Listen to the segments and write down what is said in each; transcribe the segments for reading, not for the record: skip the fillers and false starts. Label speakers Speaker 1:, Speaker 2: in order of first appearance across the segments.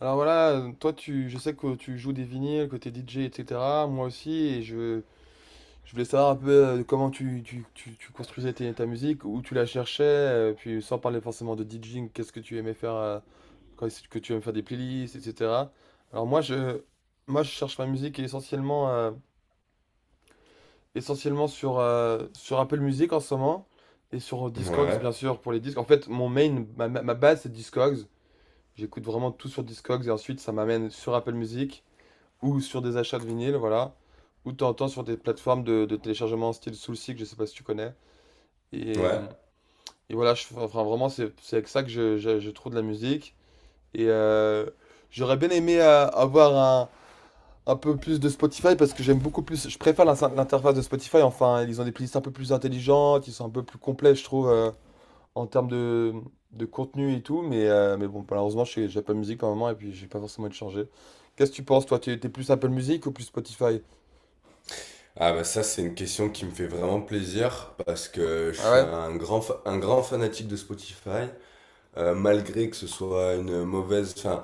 Speaker 1: Alors voilà, je sais que tu joues des vinyles, que t'es DJ, etc. Moi aussi, et je voulais savoir un peu comment tu construisais ta musique, où tu la cherchais, puis sans parler forcément de DJing, qu'est-ce que tu aimais faire, quand est-ce que tu aimais faire des playlists, etc. Alors moi je, moi je cherche ma musique essentiellement, essentiellement sur Apple Music en ce moment, et sur Discogs
Speaker 2: Ouais,
Speaker 1: bien sûr pour les disques. En fait mon main, ma, ma ma base c'est Discogs, j'écoute vraiment tout sur Discogs, et ensuite ça m'amène sur Apple Music, ou sur des achats de vinyle, voilà, ou de temps en temps sur des plateformes de téléchargement style Soulseek, je sais pas si tu connais. Et,
Speaker 2: ouais.
Speaker 1: et voilà, enfin vraiment, c'est avec ça que je trouve de la musique. Et j'aurais bien aimé avoir un peu plus de Spotify parce que j'aime beaucoup plus, je préfère l'interface de Spotify. Enfin, ils ont des playlists un peu plus intelligentes, ils sont un peu plus complets, je trouve, en termes de contenu et tout. Mais bon, malheureusement, pas musique en moment et puis j'ai pas forcément envie de changer. Qu'est-ce que tu penses, toi? Tu es plus Apple Music ou plus Spotify?
Speaker 2: Ah bah ça c'est une question qui me fait vraiment plaisir parce que je
Speaker 1: Ah
Speaker 2: suis
Speaker 1: ouais?
Speaker 2: un grand fanatique de Spotify. Malgré que ce soit une mauvaise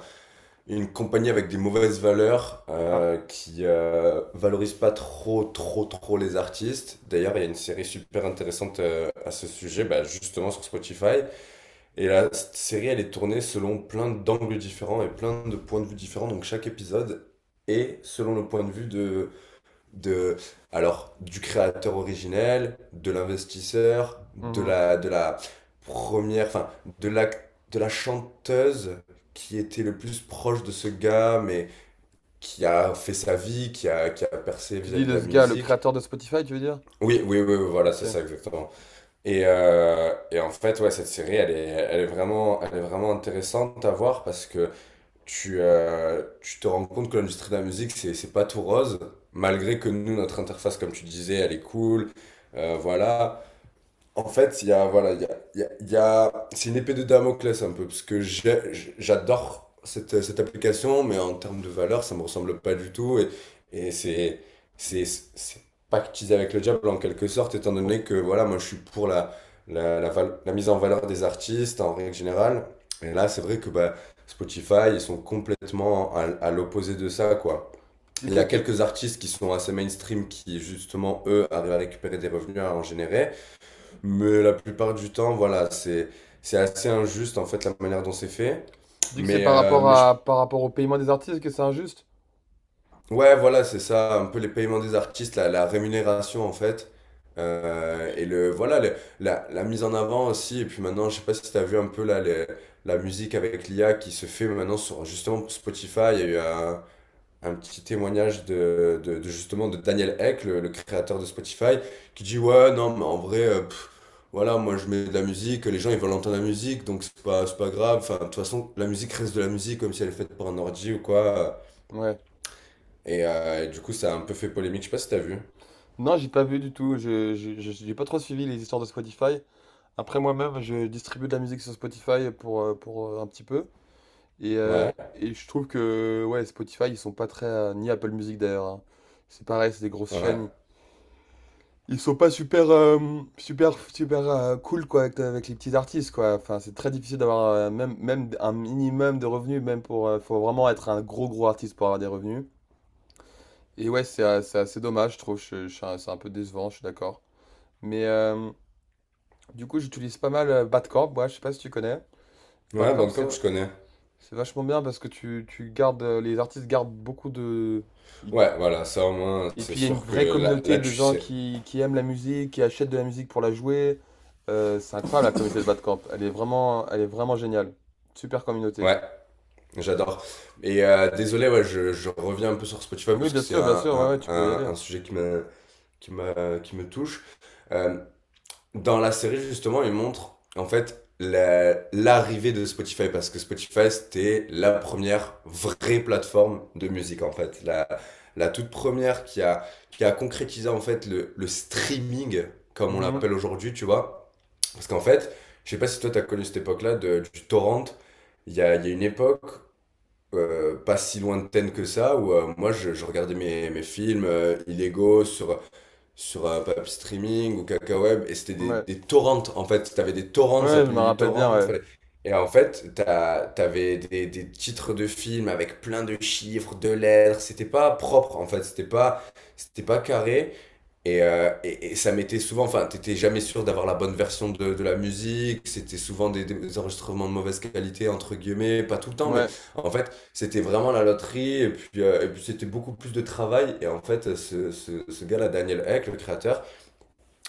Speaker 2: une compagnie avec des mauvaises valeurs,
Speaker 1: Ah,
Speaker 2: qui valorise pas trop trop trop les artistes. D'ailleurs, il y a une série super intéressante à ce sujet, justement sur Spotify, et la série elle est tournée selon plein d'angles différents et plein de points de vue différents, donc chaque épisode est selon le point de vue de alors du créateur originel, de l'investisseur, de
Speaker 1: mhm.
Speaker 2: la première, enfin de la de la chanteuse qui était le plus proche de ce gars, mais qui a fait sa vie, qui a percé
Speaker 1: Tu dis
Speaker 2: vis-à-vis de
Speaker 1: de
Speaker 2: la
Speaker 1: ce gars, le
Speaker 2: musique.
Speaker 1: créateur de Spotify, tu veux dire?
Speaker 2: Oui, oui, oui, oui, voilà,
Speaker 1: Ok.
Speaker 2: c'est ça exactement. Et en fait, ouais, cette série, elle est vraiment intéressante à voir parce que tu te rends compte que l'industrie de la musique, c'est pas tout rose, malgré que nous, notre interface, comme tu disais, elle est cool. Voilà, en fait, il y a, voilà, il y a, il y a- il y a- C'est une épée de Damoclès un peu, parce que j'adore cette application, mais en termes de valeur, ça me ressemble pas du tout, et c'est pactisé avec le diable en quelque sorte, étant
Speaker 1: Pour...
Speaker 2: donné que, voilà, moi je suis pour la mise en valeur des artistes en règle générale, et là, c'est vrai que Spotify, ils sont complètement à l'opposé de ça, quoi. Il y a
Speaker 1: Qu'est-ce qui-
Speaker 2: quelques artistes qui sont assez mainstream qui, justement, eux, arrivent à récupérer des revenus, à en générer. Mais la plupart du temps, voilà, c'est assez injuste en fait la manière dont c'est fait.
Speaker 1: Tu dis que c'est
Speaker 2: Mais,
Speaker 1: par
Speaker 2: euh,
Speaker 1: rapport
Speaker 2: mais je-
Speaker 1: à par rapport au paiement des artistes que c'est injuste?
Speaker 2: ouais, voilà, c'est ça, un peu les paiements des artistes, la rémunération en fait. Et le, voilà, le- La mise en avant aussi. Et puis maintenant, je sais pas si tu as vu un peu là, la musique avec l'IA qui se fait maintenant sur justement Spotify. Il y a eu un petit témoignage de Daniel Eck, le créateur de Spotify, qui dit ouais non mais en vrai, voilà moi je mets de la musique, les gens ils veulent entendre la musique, donc c'est pas grave. Enfin de toute façon la musique reste de la musique, comme si elle est faite par un ordi ou quoi.
Speaker 1: Ouais.
Speaker 2: Et du coup ça a un peu fait polémique. Je sais pas si t'as vu.
Speaker 1: Non, j'ai pas vu du tout. J'ai pas trop suivi les histoires de Spotify. Après moi-même, je distribue de la musique sur Spotify pour, un petit peu.
Speaker 2: Ouais,
Speaker 1: Et je trouve que ouais, Spotify, ils sont pas très, ni Apple Music d'ailleurs, hein. C'est pareil, c'est des grosses
Speaker 2: ouais,
Speaker 1: chaînes. Ils sont pas super cool quoi avec les petits artistes quoi. Enfin, c'est très difficile d'avoir même un minimum de revenus, même pour, faut vraiment être un gros gros artiste pour avoir des revenus. Et ouais, c'est assez dommage, je trouve. C'est un peu décevant, je suis d'accord. Mais du coup, j'utilise pas mal Badcamp. Moi, je sais pas si tu connais.
Speaker 2: ouais,
Speaker 1: Badcamp, c'est
Speaker 2: Bandcamp
Speaker 1: v-
Speaker 2: je connais.
Speaker 1: c'est vachement bien parce que tu gardes les artistes gardent beaucoup de, ils.
Speaker 2: Ouais, voilà, ça au moins
Speaker 1: Et
Speaker 2: c'est
Speaker 1: puis il y a une
Speaker 2: sûr que
Speaker 1: vraie
Speaker 2: là
Speaker 1: communauté
Speaker 2: là
Speaker 1: de
Speaker 2: tu
Speaker 1: gens
Speaker 2: sais.
Speaker 1: qui aiment la musique, qui achètent de la musique pour la jouer. C'est incroyable la communauté de Badcamp. Elle est vraiment géniale. Super communauté.
Speaker 2: Ouais, j'adore. Et désolé, ouais, je reviens un peu sur Spotify
Speaker 1: Oui,
Speaker 2: parce que c'est
Speaker 1: bien sûr, ouais, ouais, tu peux y aller.
Speaker 2: un sujet qui qui me touche. Euh, dans la série, justement, il montre en fait l'arrivée de Spotify parce que Spotify, c'était la première vraie plateforme de musique en fait. La toute première qui a concrétisé en fait le streaming, comme on
Speaker 1: Mhm.
Speaker 2: l'appelle aujourd'hui, tu vois. Parce qu'en fait, je sais pas si toi, tu as connu cette époque-là du torrent. Il y a une époque, pas si lointaine que ça, où je regardais mes films illégaux sur Pap Streaming ou Kakaweb, et c'était
Speaker 1: Ouais.
Speaker 2: des torrents, en fait. T'avais des torrents, ça
Speaker 1: Ouais, je me
Speaker 2: s'appelait du
Speaker 1: rappelle bien,
Speaker 2: torrent.
Speaker 1: ouais.
Speaker 2: Et en fait, t'avais des titres de films avec plein de chiffres, de lettres. C'était pas propre, en fait. C'était pas carré. Et, et ça m'était souvent, t'étais jamais sûr d'avoir la bonne version de la musique, c'était souvent des enregistrements de mauvaise qualité, entre guillemets, pas tout le temps, mais
Speaker 1: Ouais,
Speaker 2: en fait, c'était vraiment la loterie, et puis c'était beaucoup plus de travail, et en fait, ce gars-là, Daniel Eck, le créateur,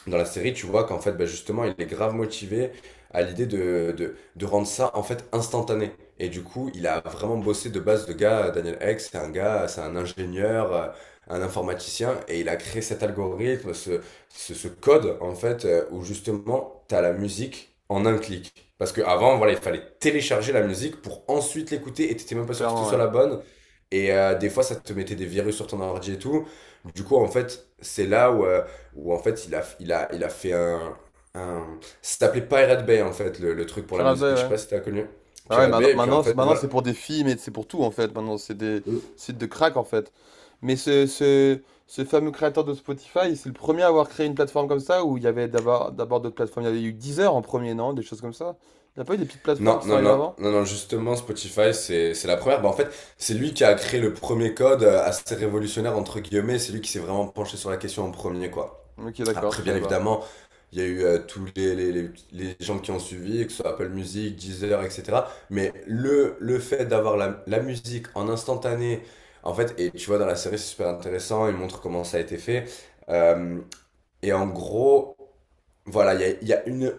Speaker 2: dans la série, tu vois qu'en fait, justement, il est grave motivé à l'idée de rendre ça en fait instantané. Et du coup, il a vraiment bossé de base de gars. Daniel Ek, c'est un gars, c'est un ingénieur, un informaticien, et il a créé cet algorithme, ce code en fait, où justement, tu as la musique en un clic. Parce qu'avant, voilà, il fallait télécharger la musique pour ensuite l'écouter, et t'étais même pas sûr que ce
Speaker 1: clairement,
Speaker 2: soit
Speaker 1: ouais.
Speaker 2: la bonne. Et des fois, ça te mettait des virus sur ton ordi et tout. Du coup, en fait, c'est là où, où en fait il a fait ça s'appelait Pirate Bay en fait, le truc pour la
Speaker 1: Pirate
Speaker 2: musique,
Speaker 1: Bay,
Speaker 2: je sais
Speaker 1: ouais.
Speaker 2: pas si t'as connu.
Speaker 1: Ah ouais,
Speaker 2: Pirate Bay, et puis en fait
Speaker 1: maintenant,
Speaker 2: voilà.
Speaker 1: c'est pour des films et c'est pour tout en fait. Maintenant, c'est des
Speaker 2: Euh,
Speaker 1: sites de crack en fait. Mais ce fameux créateur de Spotify, c'est le premier à avoir créé une plateforme comme ça où il y avait d'abord d'autres plateformes. Il y avait eu Deezer en premier, non? Des choses comme ça. Il n'y a pas eu des petites plateformes
Speaker 2: Non,
Speaker 1: qui sont
Speaker 2: non,
Speaker 1: arrivées
Speaker 2: non,
Speaker 1: avant?
Speaker 2: non, non, justement Spotify c'est la première. En fait, c'est lui qui a créé le premier code, assez révolutionnaire entre guillemets, c'est lui qui s'est vraiment penché sur la question en premier quoi.
Speaker 1: Ok, d'accord, je
Speaker 2: Après, bien
Speaker 1: savais pas.
Speaker 2: évidemment, il y a eu tous les gens qui ont suivi, que ce soit Apple Music, Deezer, etc. Mais le fait d'avoir la musique en instantané, en fait, et tu vois, dans la série, c'est super intéressant, il montre comment ça a été fait. Euh, et en gros, voilà, il y a une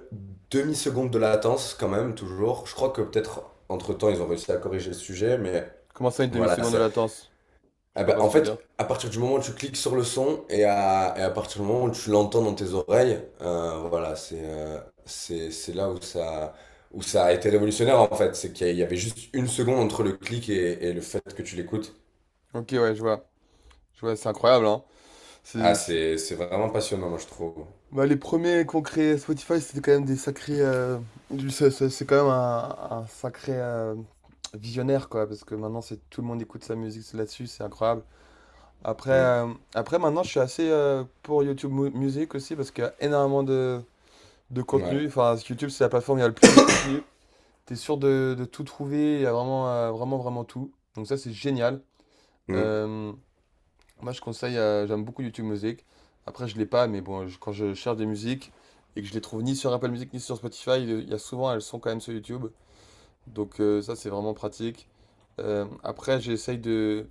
Speaker 2: demi-seconde de latence quand même, toujours. Je crois que peut-être entre-temps, ils ont réussi à corriger le sujet, mais
Speaker 1: Comment ça, une
Speaker 2: voilà,
Speaker 1: demi-seconde de
Speaker 2: ça,
Speaker 1: latence? Je
Speaker 2: ah
Speaker 1: vois
Speaker 2: bah,
Speaker 1: pas ce
Speaker 2: en
Speaker 1: que tu veux dire.
Speaker 2: fait, à partir du moment où tu cliques sur le son et et à partir du moment où tu l'entends dans tes oreilles, voilà, c'est là où ça a été révolutionnaire en fait. C'est qu'il y avait juste une seconde entre le clic et le fait que tu l'écoutes.
Speaker 1: Ok, ouais, je vois. Je vois, c'est incroyable, hein.
Speaker 2: Ah, c'est vraiment passionnant, moi je trouve.
Speaker 1: Bah, les premiers qu'on créé Spotify, c'était quand même des sacrés, c'est c'est quand même un sacré visionnaire, quoi, parce que maintenant, c'est tout le monde écoute sa musique c'est là-dessus, c'est incroyable. Après,
Speaker 2: Hmm.
Speaker 1: euh, après, maintenant, je suis assez pour Music aussi, parce qu'il y a énormément de
Speaker 2: Ouais.
Speaker 1: contenu. Enfin, YouTube, c'est la plateforme où il y a le plus de contenu. T'es sûr de tout trouver, il y a vraiment tout. Donc, ça, c'est génial.
Speaker 2: Hmm.
Speaker 1: Euh, moi, je conseille, j'aime beaucoup YouTube Music. Après, je l'ai pas, mais bon, quand je cherche des musiques et que je les trouve ni sur Apple Music ni sur Spotify, il y a souvent, elles sont quand même sur YouTube. Donc ça, c'est vraiment pratique. Après,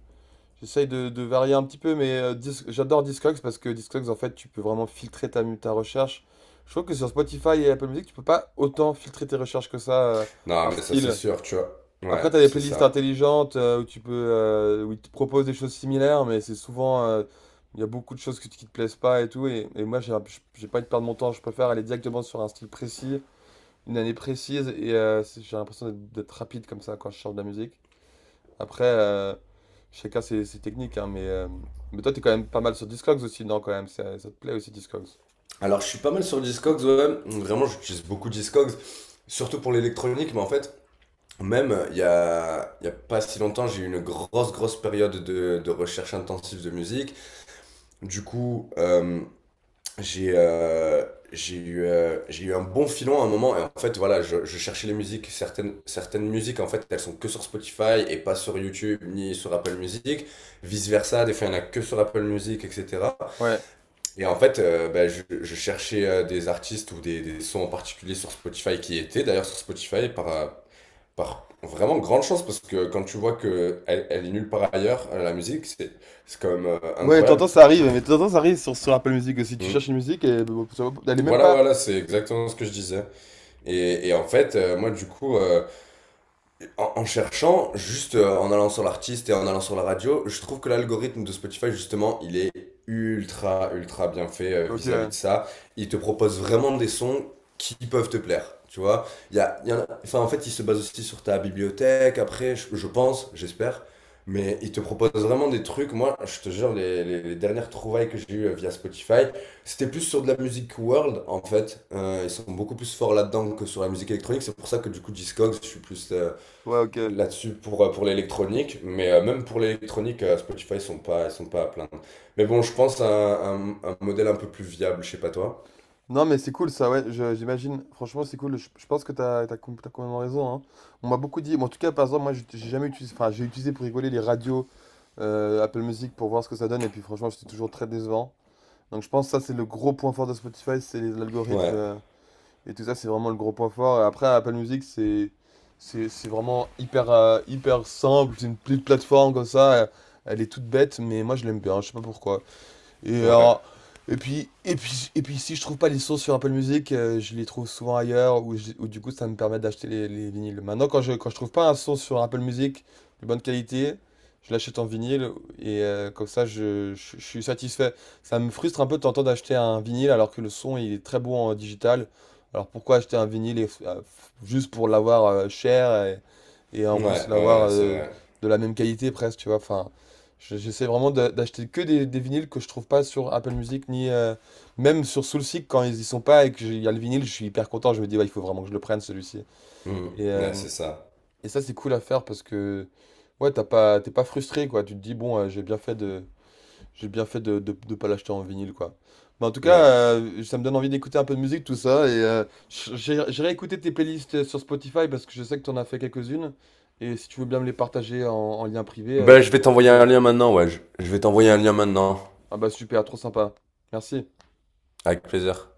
Speaker 1: j'essaye de varier un petit peu, mais j'adore Discogs parce que Discogs, en fait, tu peux vraiment filtrer ta recherche. Je trouve que sur Spotify et Apple Music, tu peux pas autant filtrer tes recherches que ça
Speaker 2: Non,
Speaker 1: par
Speaker 2: mais ça c'est
Speaker 1: style.
Speaker 2: sûr, tu vois.
Speaker 1: Après,
Speaker 2: Ouais,
Speaker 1: tu as des
Speaker 2: c'est
Speaker 1: playlists
Speaker 2: ça.
Speaker 1: intelligentes où tu peux, où ils te proposent des choses similaires, mais c'est souvent, il y a beaucoup de choses qui te plaisent pas et tout. Et moi, j'ai pas envie de perdre mon temps. Je préfère aller directement sur un style précis, une année précise, et j'ai l'impression d'être rapide comme ça quand je cherche de la musique. Après, chacun ses techniques, hein, mais toi, t'es quand même pas mal sur Discogs aussi, non, quand même, ça te plaît aussi Discogs.
Speaker 2: Alors, je suis pas mal sur Discogs, ouais. Vraiment, j'utilise beaucoup Discogs, surtout pour l'électronique, mais en fait. Même, il y a pas si longtemps, j'ai eu une grosse, grosse période de recherche intensive de musique. Du coup, j'ai euh, j'ai eu un bon filon à un moment. Et en fait, voilà, je cherchais les musiques. Certaines musiques, en fait, elles sont que sur Spotify et pas sur YouTube ni sur Apple Music. Vice-versa, des fois, il y en a que sur Apple Music, etc.
Speaker 1: Ouais.
Speaker 2: Et en fait, je cherchais des artistes ou des sons en particulier sur Spotify qui étaient d'ailleurs sur Spotify par, par vraiment grande chance, parce que quand tu vois que elle est nulle part ailleurs, la musique, c'est quand même,
Speaker 1: Ouais, t'entends,
Speaker 2: incroyable.
Speaker 1: ça arrive, mais t'entends, ça arrive sur Apple Music aussi. Tu cherches
Speaker 2: Mm.
Speaker 1: une musique et elle est même
Speaker 2: Voilà,
Speaker 1: pas.
Speaker 2: voilà, c'est exactement ce que je disais. Et en fait, moi du coup, en cherchant, juste en allant sur l'artiste et en allant sur la radio, je trouve que l'algorithme de Spotify, justement, il est ultra, ultra bien fait
Speaker 1: Ok,
Speaker 2: vis-à-vis de
Speaker 1: ouais.
Speaker 2: ça. Il te propose vraiment des sons qui peuvent te plaire, tu vois. Il y a, il y en a- enfin, En fait, il se base aussi sur ta bibliothèque, après, je pense, j'espère. Mais il te propose vraiment des trucs. Moi, je te jure, les dernières trouvailles que j'ai eues via Spotify, c'était plus sur de la musique world, en fait. Ils sont beaucoup plus forts là-dedans que sur la musique électronique. C'est pour ça que, du coup, Discogs, je suis plus...
Speaker 1: Ouais, ok.
Speaker 2: là-dessus pour l'électronique, mais même pour l'électronique, Spotify, ils sont pas à plaindre. Mais bon, je pense à un modèle un peu plus viable, je sais pas toi.
Speaker 1: Non, mais c'est cool ça, ouais, j'imagine. Franchement, c'est cool. Je pense que t'as complètement raison, hein. On m'a beaucoup dit. Bon, en tout cas, par exemple, moi, j'ai jamais utilisé. Enfin, j'ai utilisé pour rigoler les radios Apple Music pour voir ce que ça donne. Et puis, franchement, c'était toujours très décevant. Donc, je pense que ça, c'est le gros point fort de Spotify. L'algorithme
Speaker 2: Ouais,
Speaker 1: et tout ça. C'est vraiment le gros point fort. Et après, Apple Music, c'est vraiment hyper, hyper simple. C'est une petite plateforme comme ça, elle est toute bête, mais moi, je l'aime bien. Je sais pas pourquoi. Et,
Speaker 2: ouais,
Speaker 1: et puis si je trouve pas les sources sur Apple Music, je les trouve souvent ailleurs, ou du coup ça me permet d'acheter les vinyles. Maintenant, quand je trouve pas un son sur Apple Music de bonne qualité, je l'achète en vinyle, et comme ça je suis satisfait. Ça me frustre un peu de tenter d'acheter un vinyle alors que le son il est très bon en digital. Alors pourquoi acheter un vinyle juste pour l'avoir cher et en plus
Speaker 2: ouais,
Speaker 1: l'avoir
Speaker 2: ouais, c'est vrai.
Speaker 1: de la même qualité presque, tu vois. Enfin, J'essaie vraiment d'acheter que des vinyles que je trouve pas sur Apple Music ni même sur Soulseek quand ils y sont pas et que il y a le vinyle, je suis hyper content. Je me dis ouais, il faut vraiment que je le prenne celui-ci.
Speaker 2: Hmm.
Speaker 1: Et, euh,
Speaker 2: Ouais, c'est ça.
Speaker 1: et ça c'est cool à faire parce que ouais t'es pas frustré quoi. Tu te dis bon j'ai bien fait de pas l'acheter en vinyle quoi. Mais en tout cas
Speaker 2: Ouais.
Speaker 1: ça me donne envie d'écouter un peu de musique tout ça et j'irai écouter tes playlists sur Spotify parce que je sais que t'en as fait quelques-unes et si tu veux bien me les partager en lien privé,
Speaker 2: Ben,
Speaker 1: c'est
Speaker 2: je
Speaker 1: un
Speaker 2: vais
Speaker 1: grand
Speaker 2: t'envoyer un
Speaker 1: plaisir.
Speaker 2: lien maintenant, ouais. Je vais t'envoyer un lien maintenant.
Speaker 1: Ah bah super, trop sympa. Merci.
Speaker 2: Avec plaisir.